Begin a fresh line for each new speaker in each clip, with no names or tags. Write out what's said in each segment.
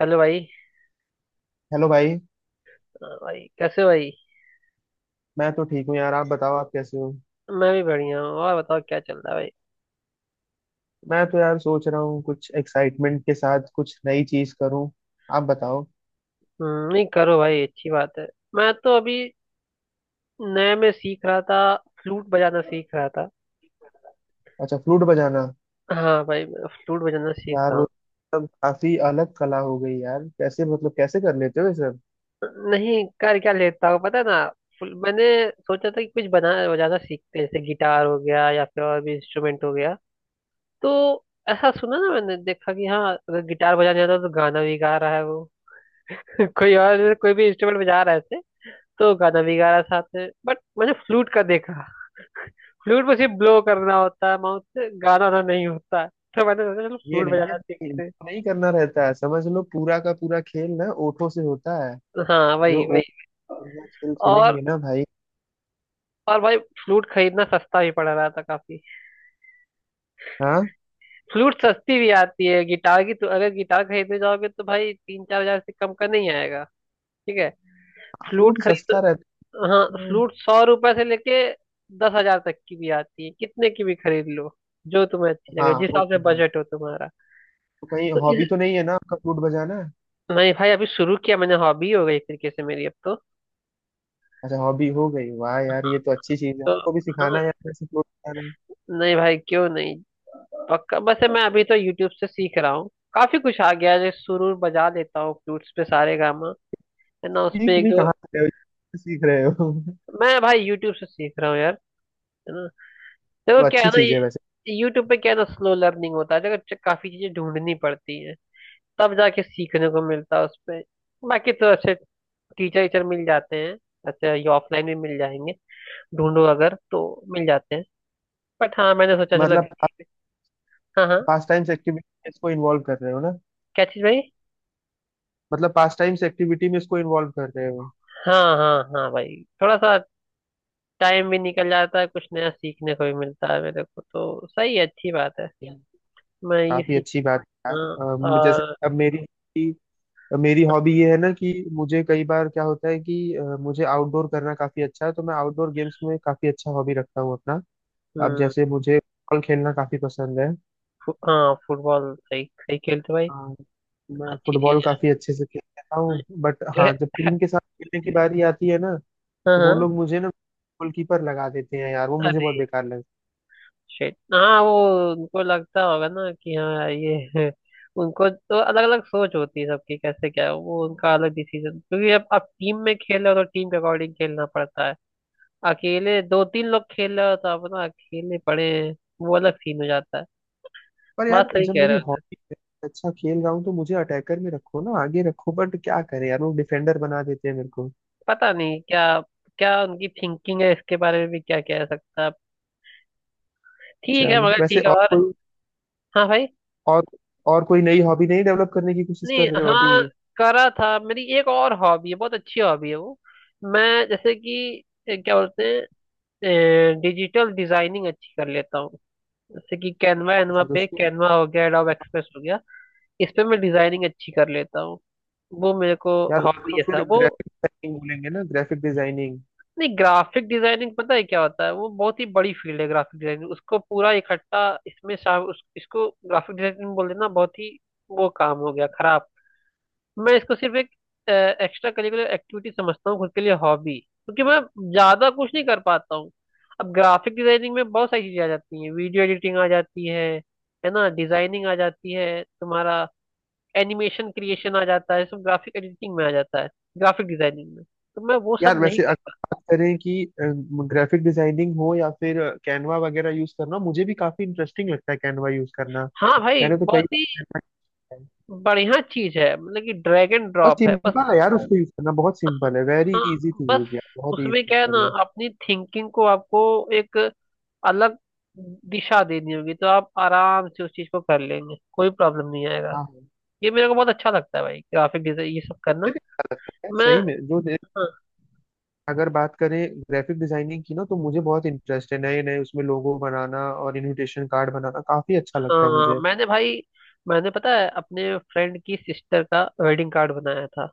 Hello भाई।
Hello भाई।
हाँ भाई, कैसे हो भाई?
मैं तो ठीक हूँ यार, आप बताओ, आप कैसे हो?
मैं भी बढ़िया हूँ। और बताओ, क्या चल रहा है भाई?
मैं तो यार सोच रहा हूँ कुछ एक्साइटमेंट के साथ कुछ नई चीज करूँ। आप बताओ।
नहीं करो भाई, अच्छी बात है। मैं तो अभी नए में सीख रहा था, फ्लूट बजाना सीख रहा था।
अच्छा, फ्लूट बजाना।
हाँ भाई, मैं फ्लूट बजाना सीख
यार वो
रहा
सब काफी अलग कला हो गई यार। कैसे, मतलब कैसे कर लेते हो ये सब?
हूँ। नहीं कर क्या लेता हूँ, पता है ना। मैंने सोचा था कि कुछ बना बजाना सीखते हैं, जैसे गिटार हो गया या फिर और भी इंस्ट्रूमेंट हो गया। तो ऐसा सुना ना, मैंने देखा कि हाँ, अगर गिटार बजाने आता है तो गाना भी गा रहा है वो कोई और, कोई भी इंस्ट्रूमेंट बजा रहा है ऐसे, तो गाना भी गा रहा साथ में। बट मैंने फ्लूट का देखा, फ्लूट में सिर्फ ब्लो करना होता है माउथ से, गाना वाना नहीं होता है, तो मैंने सोचा चलो
ये
फ्लूट
नहीं है
बजाना
कि
सीखते हैं।
इनको नहीं करना रहता है, समझ लो पूरा का पूरा खेल ना ओठों से होता है।
हाँ,
जो
वही वही।
ओठ बढ़िया खेल
और
खेलेंगे ना भाई।
और भाई, फ्लूट खरीदना सस्ता भी पड़ रहा था काफी।
हाँ,
फ्लूट सस्ती भी आती है, गिटार की तो अगर गिटार खरीदने जाओगे तो भाई 3-4 हजार से कम का नहीं आएगा। ठीक है। फ्लूट
फ्लूट
खरीद
सस्ता रहता
तो, हाँ
है।
फ्लूट 100 रुपए से लेके 10 हजार तक की भी आती है, कितने की भी खरीद लो जो तुम्हें अच्छी
हाँ,
लगे, जिस
वो
हिसाब से
तो है।
बजट हो तुम्हारा।
तो कहीं
तो
हॉबी
इस
तो नहीं है ना आपका फ्लूट बजाना?
नहीं भाई, अभी शुरू किया मैंने, हॉबी हो गई एक तरीके से मेरी अब तो।
अच्छा, हॉबी हो गई। वाह यार, ये तो अच्छी चीज है।
तो
आपको भी
हाँ,
सिखाना है यार ऐसे, फ्लोट सिखाना है।
नहीं भाई, क्यों नहीं, पक्का। बस मैं अभी तो यूट्यूब से सीख रहा हूँ, काफी कुछ आ गया है, जैसे सुरूर बजा लेता हूँ फ्लूट्स पे, सारे गामा है ना उस पे,
सीख
एक
भी
दो।
कहाँ से रहे हो, सीख रहे हो?
मैं भाई यूट्यूब से सीख रहा हूँ यार, है ना। देखो
तो
क्या है
अच्छी चीज है वैसे।
ना, यूट्यूब पे क्या है ना, स्लो लर्निंग होता है, देखो काफी चीजें ढूंढनी पड़ती है, तब जाके सीखने को मिलता है उस पे। बाकी तो अच्छे टीचर टीचर मिल जाते हैं, अच्छा, ये ऑफलाइन भी मिल जाएंगे, ढूंढो अगर तो मिल जाते हैं। बट हाँ, मैंने सोचा चलो।
मतलब आप
हाँ हाँ।
पास टाइम्स एक्टिविटी में इसको इन्वॉल्व कर रहे हो ना?
क्या चीज भाई?
मतलब पास टाइम्स एक्टिविटी में इसको इन्वॉल्व कर रहे हो।
हाँ हाँ हाँ भाई, थोड़ा सा टाइम भी निकल जाता है, कुछ नया सीखने को भी मिलता है, मेरे को तो सही है, अच्छी बात है।
Yeah।
मैं ये
काफी
सीख।
अच्छी बात है
हाँ।
यार। जैसे
और।
अब मेरी मेरी हॉबी ये है ना कि मुझे कई बार क्या होता है कि मुझे आउटडोर करना काफी अच्छा है, तो मैं आउटडोर गेम्स में काफी अच्छा हॉबी रखता हूँ अपना। अब
हम्म।
जैसे मुझे फुटबॉल खेलना काफी पसंद है।
हाँ, फुटबॉल सही सही खेलते भाई।
हाँ, मैं
अच्छी
फुटबॉल
चीज
काफी अच्छे से खेल लेता हूँ बट हाँ,
है।
जब टीम के साथ खेलने की बारी आती है ना,
हाँ
तो वो
हाँ।
लोग मुझे ना गोलकीपर लगा देते हैं यार, वो मुझे बहुत
अरे
बेकार लगता है।
शिट। हाँ वो, उनको लगता होगा ना कि हाँ ये उनको तो अलग अलग सोच होती है सबकी, कैसे क्या है वो, उनका अलग डिसीजन, क्योंकि अब टीम में खेल रहे हो तो टीम के अकॉर्डिंग खेलना पड़ता है। अकेले दो तीन लोग खेल रहे हो तो आप ना अकेले पड़े हैं, वो अलग सीन हो जाता है।
पर
बात
यार
सही
जब
कह
मेरी
रहे हो सर।
हॉबी है, अच्छा खेल रहा हूँ, तो मुझे अटैकर में रखो ना, आगे रखो, बट क्या करें यार, वो डिफेंडर बना देते हैं मेरे को।
पता नहीं क्या, क्या उनकी थिंकिंग है इसके बारे में, भी क्या कह सकता है आप। ठीक है
चलो
मगर,
वैसे,
ठीक है।
और
और
कोई
हाँ भाई,
और और कोई नई हॉबी नहीं डेवलप करने की कोशिश
नहीं
कर रहे हो
हाँ,
अभी?
करा था। मेरी एक और हॉबी है, बहुत अच्छी हॉबी है वो। मैं जैसे कि क्या बोलते हैं, डिजिटल डिजाइनिंग अच्छी कर लेता हूँ, जैसे कि कैनवा एनवा
अच्छा, तो
पे,
उसको
कैनवा हो गया, एडोब एक्सप्रेस हो गया, इस पे मैं डिजाइनिंग अच्छी कर लेता हूँ, वो मेरे को
यार
हॉबी
उसको
है सा
फिर
वो।
ग्राफिक डिजाइनिंग बोलेंगे ना, ग्राफिक डिजाइनिंग।
नहीं, ग्राफिक डिजाइनिंग पता है क्या होता है, वो बहुत ही बड़ी फील्ड है ग्राफिक डिजाइनिंग, उसको पूरा इकट्ठा इसमें शाम उस, इसको ग्राफिक डिजाइनिंग बोल देना बहुत ही, वो काम हो गया खराब। मैं इसको सिर्फ एक एक्स्ट्रा करिकुलर एक्टिविटी समझता हूँ खुद के लिए हॉबी, क्योंकि मैं ज्यादा कुछ नहीं कर पाता हूँ। अब ग्राफिक डिजाइनिंग में बहुत सारी चीजें आ जाती हैं, वीडियो एडिटिंग आ जाती है ना, डिजाइनिंग आ जाती है तुम्हारा, एनिमेशन क्रिएशन आ जाता है, सब ग्राफिक एडिटिंग में आ जाता है, ग्राफिक डिजाइनिंग में, तो मैं वो
यार
सब नहीं
वैसे अगर
कर
बात करें कि ग्राफिक डिजाइनिंग हो या फिर कैनवा वगैरह यूज करना, मुझे भी काफी इंटरेस्टिंग लगता है कैनवा यूज करना।
पाता। हाँ भाई,
मैंने तो कई
बहुत
बार
ही
Canva किया है,
बढ़िया चीज है, मतलब कि ड्रैग एंड
और
ड्रॉप है बस।
सिंपल है यार, अच्छा उसको यूज करना बहुत सिंपल है, वेरी
हाँ
इजी टू
बस,
यूज यार, बहुत ही
उसमें क्या है ना,
सिंपल है।
अपनी थिंकिंग को आपको एक अलग दिशा देनी होगी, तो आप आराम से उस चीज को कर लेंगे, कोई प्रॉब्लम नहीं आएगा।
हाँ, मुझे
ये मेरे को बहुत अच्छा लगता है भाई, ग्राफिक डिजाइन ये सब
भी
करना।
अच्छा लगता है यार,
मैं।
सही में अगर बात करें ग्राफिक डिजाइनिंग की ना, तो मुझे बहुत इंटरेस्ट है, नए नए उसमें लोगो बनाना और इनविटेशन कार्ड बनाना काफी अच्छा लगता है
हाँ,
मुझे।
मैंने भाई मैंने पता है, अपने फ्रेंड की सिस्टर का वेडिंग कार्ड बनाया था,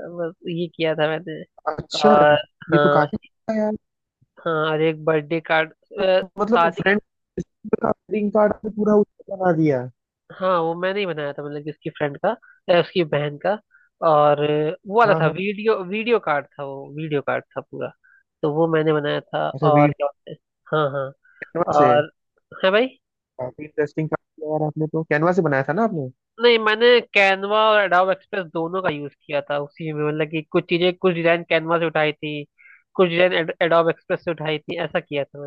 बस ये किया था मैंने।
अच्छा,
और
ये तो
हाँ
काफी अच्छा है यार।
हाँ, और एक बर्थडे कार्ड।
तो मतलब
शादी।
रिंग कार्ड में पूरा उसको बना दिया।
हाँ, वो मैंने ही बनाया था, मतलब कि उसकी फ्रेंड का, उसकी बहन का। और वो वाला
हाँ
था,
हाँ।
वीडियो वीडियो कार्ड था, वो वीडियो कार्ड था पूरा। तो वो मैंने बनाया था,
अच्छा,
और
वीडियो
क्या होता है। हाँ हाँ,
कैनवा से?
और है भाई।
काफी इंटरेस्टिंग काम किया यार आपने, तो कैनवा से बनाया था ना आपने
नहीं, मैंने कैनवा और एडोब एक्सप्रेस दोनों का यूज किया था उसी में, मतलब कि कुछ चीजें, कुछ डिजाइन कैनवा से उठाई थी, कुछ डिजाइन एडोब एक्सप्रेस से उठाई थी, ऐसा किया था।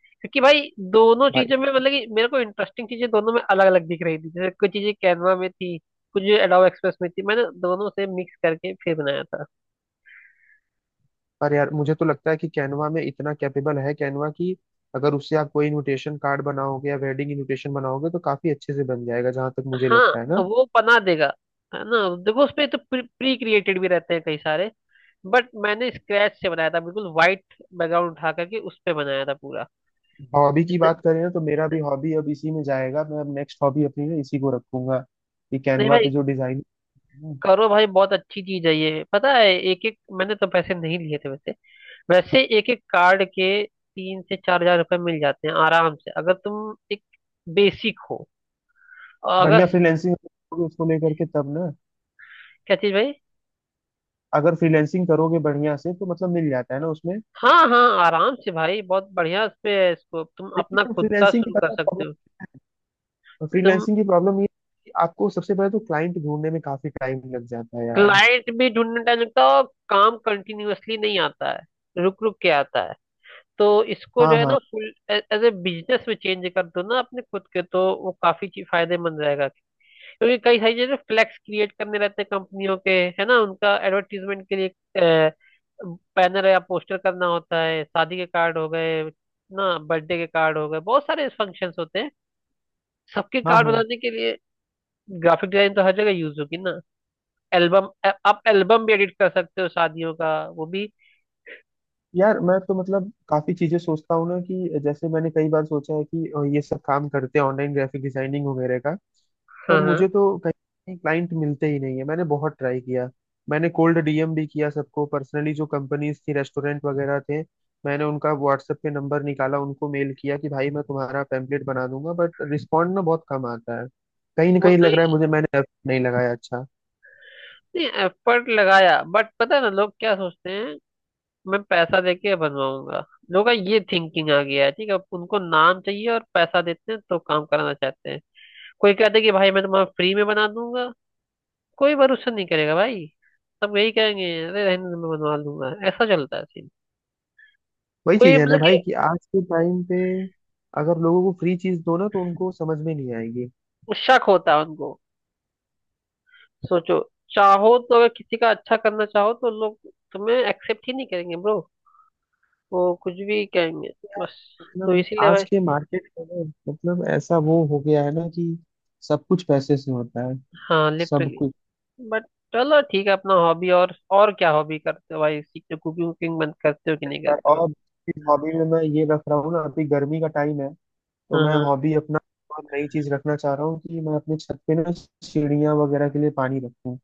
क्योंकि भाई दोनों
भाई?
चीजों में, मतलब कि मेरे को इंटरेस्टिंग चीजें दोनों में अलग अलग दिख रही थी, जैसे कुछ चीजें कैनवा में थी, कुछ एडोब एक्सप्रेस में थी, मैंने दोनों से मिक्स करके फिर बनाया था।
पर यार मुझे तो लगता है कि कैनवा में इतना कैपेबल है कैनवा की, अगर उससे आप कोई इनविटेशन कार्ड बनाओगे या वेडिंग इनविटेशन बनाओगे तो काफी अच्छे से बन जाएगा, जहां तक मुझे लगता है
हाँ
ना।
वो बना देगा, है ना। देखो उसपे तो प्री क्रिएटेड भी रहते हैं कई सारे, बट मैंने स्क्रैच से बनाया था, बिल्कुल वाइट बैकग्राउंड उठा करके उस पे बनाया था पूरा।
हॉबी की
जैसे।
बात करें ना, तो मेरा भी हॉबी अब इसी में जाएगा, मैं अब नेक्स्ट हॉबी अपनी ना इसी को रखूंगा कि
नहीं
कैनवा पे
भाई,
जो डिजाइन।
करो भाई, बहुत अच्छी चीज है ये, पता है, एक एक मैंने तो पैसे नहीं लिए थे वैसे। वैसे एक एक कार्ड के 3 से 4 हजार रुपये मिल जाते हैं आराम से, अगर तुम एक बेसिक हो। और
बढ़िया,
अगर,
फ्रीलैंसिंग उसको लेकर के तब ना,
क्या चीज भाई?
अगर फ्रीलैंसिंग करोगे बढ़िया से तो मतलब मिल जाता है ना उसमें।
हाँ हाँ, आराम से भाई, बहुत बढ़िया उस पे है, इसको तुम अपना
लेकिन
खुद का
फ्रीलैंसिंग की
शुरू कर सकते हो। तुम।
प्रॉब्लम ये है कि आपको सबसे पहले तो क्लाइंट ढूंढने में काफी टाइम लग जाता है यार।
क्लाइंट भी ढूंढने टाइम लगता है, और काम कंटिन्यूअसली नहीं आता है, रुक रुक के आता है, तो इसको जो
हाँ,
है
हाँ,
ना, फुल एज ए बिजनेस में चेंज कर दो ना अपने खुद के, तो वो काफी फायदेमंद रहेगा। क्योंकि कई सारी जगह फ्लैक्स क्रिएट करने रहते हैं कंपनियों के, है ना, उनका एडवर्टीजमेंट के लिए बैनर या पोस्टर करना होता है, शादी के कार्ड हो गए ना, बर्थडे के कार्ड हो गए, बहुत सारे फंक्शंस होते हैं, सबके
हाँ,
कार्ड
हाँ।
बनाने के लिए ग्राफिक डिजाइन तो हर जगह यूज होगी ना। एल्बम, आप एल्बम भी एडिट कर सकते हो शादियों का, वो भी।
यार मैं तो मतलब काफी चीजें सोचता हूँ ना, कि जैसे मैंने कई बार सोचा है कि ये सब काम करते हैं ऑनलाइन ग्राफिक डिजाइनिंग वगैरह का।
हाँ
पर
हाँ।
मुझे तो कहीं क्लाइंट मिलते ही नहीं है, मैंने बहुत ट्राई किया। मैंने कोल्ड डीएम भी किया सबको पर्सनली, जो कंपनीज थी, रेस्टोरेंट वगैरह थे, मैंने उनका व्हाट्सएप पे नंबर निकाला, उनको मेल किया कि भाई मैं तुम्हारा पैम्पलेट बना दूंगा, बट रिस्पॉन्ड ना बहुत कम आता है। कहीं ना
वो
कहीं लग
नहीं,
रहा है मुझे मैंने effort नहीं लगाया अच्छा।
नहीं एफर्ट लगाया, बट पता है ना लोग क्या सोचते हैं, मैं पैसा देके बनवाऊंगा, लोगों का ये थिंकिंग आ गया है। ठीक है, उनको नाम चाहिए, और पैसा देते हैं तो काम कराना चाहते हैं। कोई कहते हैं कि भाई मैं तुम्हारा फ्री में बना दूंगा, कोई भरोसा नहीं करेगा भाई, सब यही कहेंगे, अरे रहने दो, मैं बनवा लूंगा, ऐसा चलता है सीन।
वही
कोई,
चीज है ना
मतलब कि
भाई, कि आज के टाइम पे अगर लोगों को फ्री चीज दो ना, तो उनको समझ में नहीं आएगी।
शक होता है उनको। सोचो, चाहो तो, अगर किसी का अच्छा करना चाहो तो लोग तुम्हें एक्सेप्ट ही नहीं करेंगे ब्रो, वो कुछ भी कहेंगे।
यार,
बस, तो
मतलब
इसीलिए
आज
भाई,
के मार्केट में ना, मतलब ऐसा वो हो गया है ना कि सब कुछ पैसे से होता है,
हाँ
सब
लिटरली।
कुछ।
बट चलो ठीक है, अपना हॉबी और क्या हॉबी करते हो भाई, सीखते हो, कुकिंग वुकिंग बंद करते हो कि नहीं करते
और
हो?
हॉबी में मैं ये रख रहा हूँ ना, अभी गर्मी का टाइम है तो
हाँ
मैं
हाँ।
हॉबी अपना और नई चीज रखना चाह रहा हूँ कि मैं अपने छत पे ना चिड़िया वगैरह के लिए पानी रखूँ।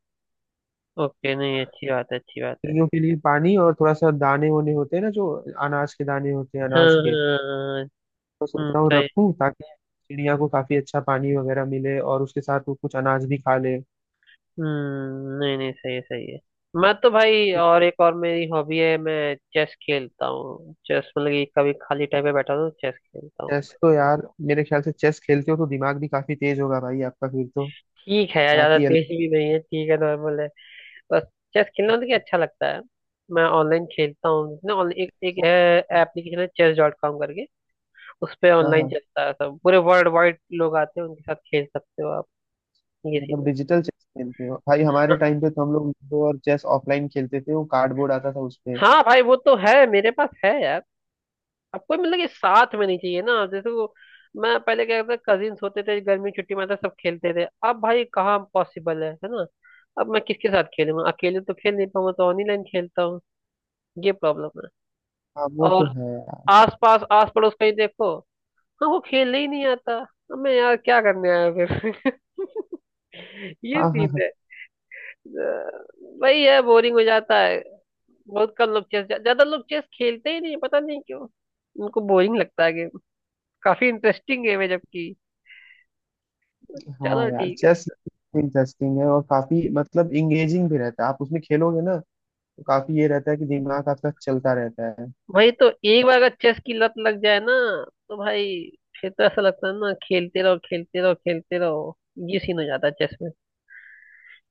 ओके, नहीं अच्छी बात है, अच्छी बात है।
चिड़ियों के लिए पानी और थोड़ा सा दाने वाने होते हैं ना, जो अनाज के दाने होते हैं,
हाँ
अनाज
हाँ
के।
हाँ, हाँ, हाँ।
तो सोच रहा हूँ
सही।
रखूँ ताकि चिड़िया को काफी अच्छा पानी वगैरह मिले और उसके साथ वो कुछ अनाज भी खा ले।
हम्म, नहीं नहीं, सही है, सही है। मैं तो भाई, और एक और मेरी हॉबी है, मैं चेस खेलता हूँ, चेस मतलब कि कभी खाली टाइम पे बैठा हूँ चेस खेलता हूँ।
चेस तो यार, मेरे ख्याल से चेस खेलते हो तो दिमाग भी काफी तेज होगा भाई आपका, फिर तो
ठीक है यार,
बात
ज्यादा
ही अलग
तेज भी नहीं है, ठीक है, नॉर्मल है बस। चेस खेलना मतलब कि अच्छा लगता है, मैं ऑनलाइन खेलता हूँ ना। ऑनलाइन एक एक
है।
एप्लीकेशन है, chess.com करके, उस पे
हाँ
ऑनलाइन
हाँ,
चलता है सब, पूरे वर्ल्ड वाइड लोग आते हैं, उनके साथ खेल सकते हो आप। ये सीन
मतलब
है।
डिजिटल चेस खेलते हो भाई? हमारे
हाँ
टाइम पे तो हम लोग लूडो और चेस ऑफलाइन खेलते थे, वो कार्डबोर्ड आता था उस पे।
हाँ भाई, वो तो है, मेरे पास है यार। आपको मतलब कि साथ में नहीं चाहिए ना जैसे वो। मैं पहले क्या करता, कजिन्स होते थे, गर्मी की छुट्टी में आते, सब खेलते थे, अब भाई कहाँ पॉसिबल है ना। अब मैं किसके साथ खेलूंगा, अकेले तो खेल नहीं पाऊंगा, तो ऑनलाइन खेलता हूँ। ये प्रॉब्लम है।
हाँ, वो तो
और
है यार।
आस पास आस पड़ोस कहीं देखो, हाँ वो खेलने ही नहीं आता, अब मैं यार क्या करने आया फिर ये
हाँ, हाँ,
सीन
हाँ,
है। वही है, बोरिंग हो जाता है। बहुत कम लोग चेस, ज्यादा लोग चेस खेलते ही नहीं, पता नहीं क्यों, उनको बोरिंग लगता है गेम, काफी इंटरेस्टिंग गेम है जबकि।
हाँ।
चलो
यार
ठीक है।
चेस इंटरेस्टिंग है और काफी मतलब इंगेजिंग भी रहता है, आप उसमें खेलोगे ना, तो काफी ये रहता है कि दिमाग आपका चलता रहता है।
भाई, तो एक बार अगर चेस की लत लग जाए ना, तो भाई, फिर तो ऐसा लगता है ना, खेलते रहो खेलते रहो खेलते रहो, ये सीन हो जाता है चेस में।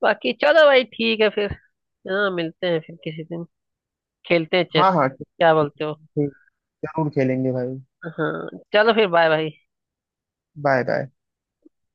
बाकी चलो भाई, ठीक है फिर। हाँ, मिलते हैं फिर किसी दिन, खेलते हैं चेस,
हाँ हाँ, ठीक,
क्या बोलते हो?
जरूर खेलेंगे भाई।
हाँ चलो, फिर बाय भाई।
Bye bye.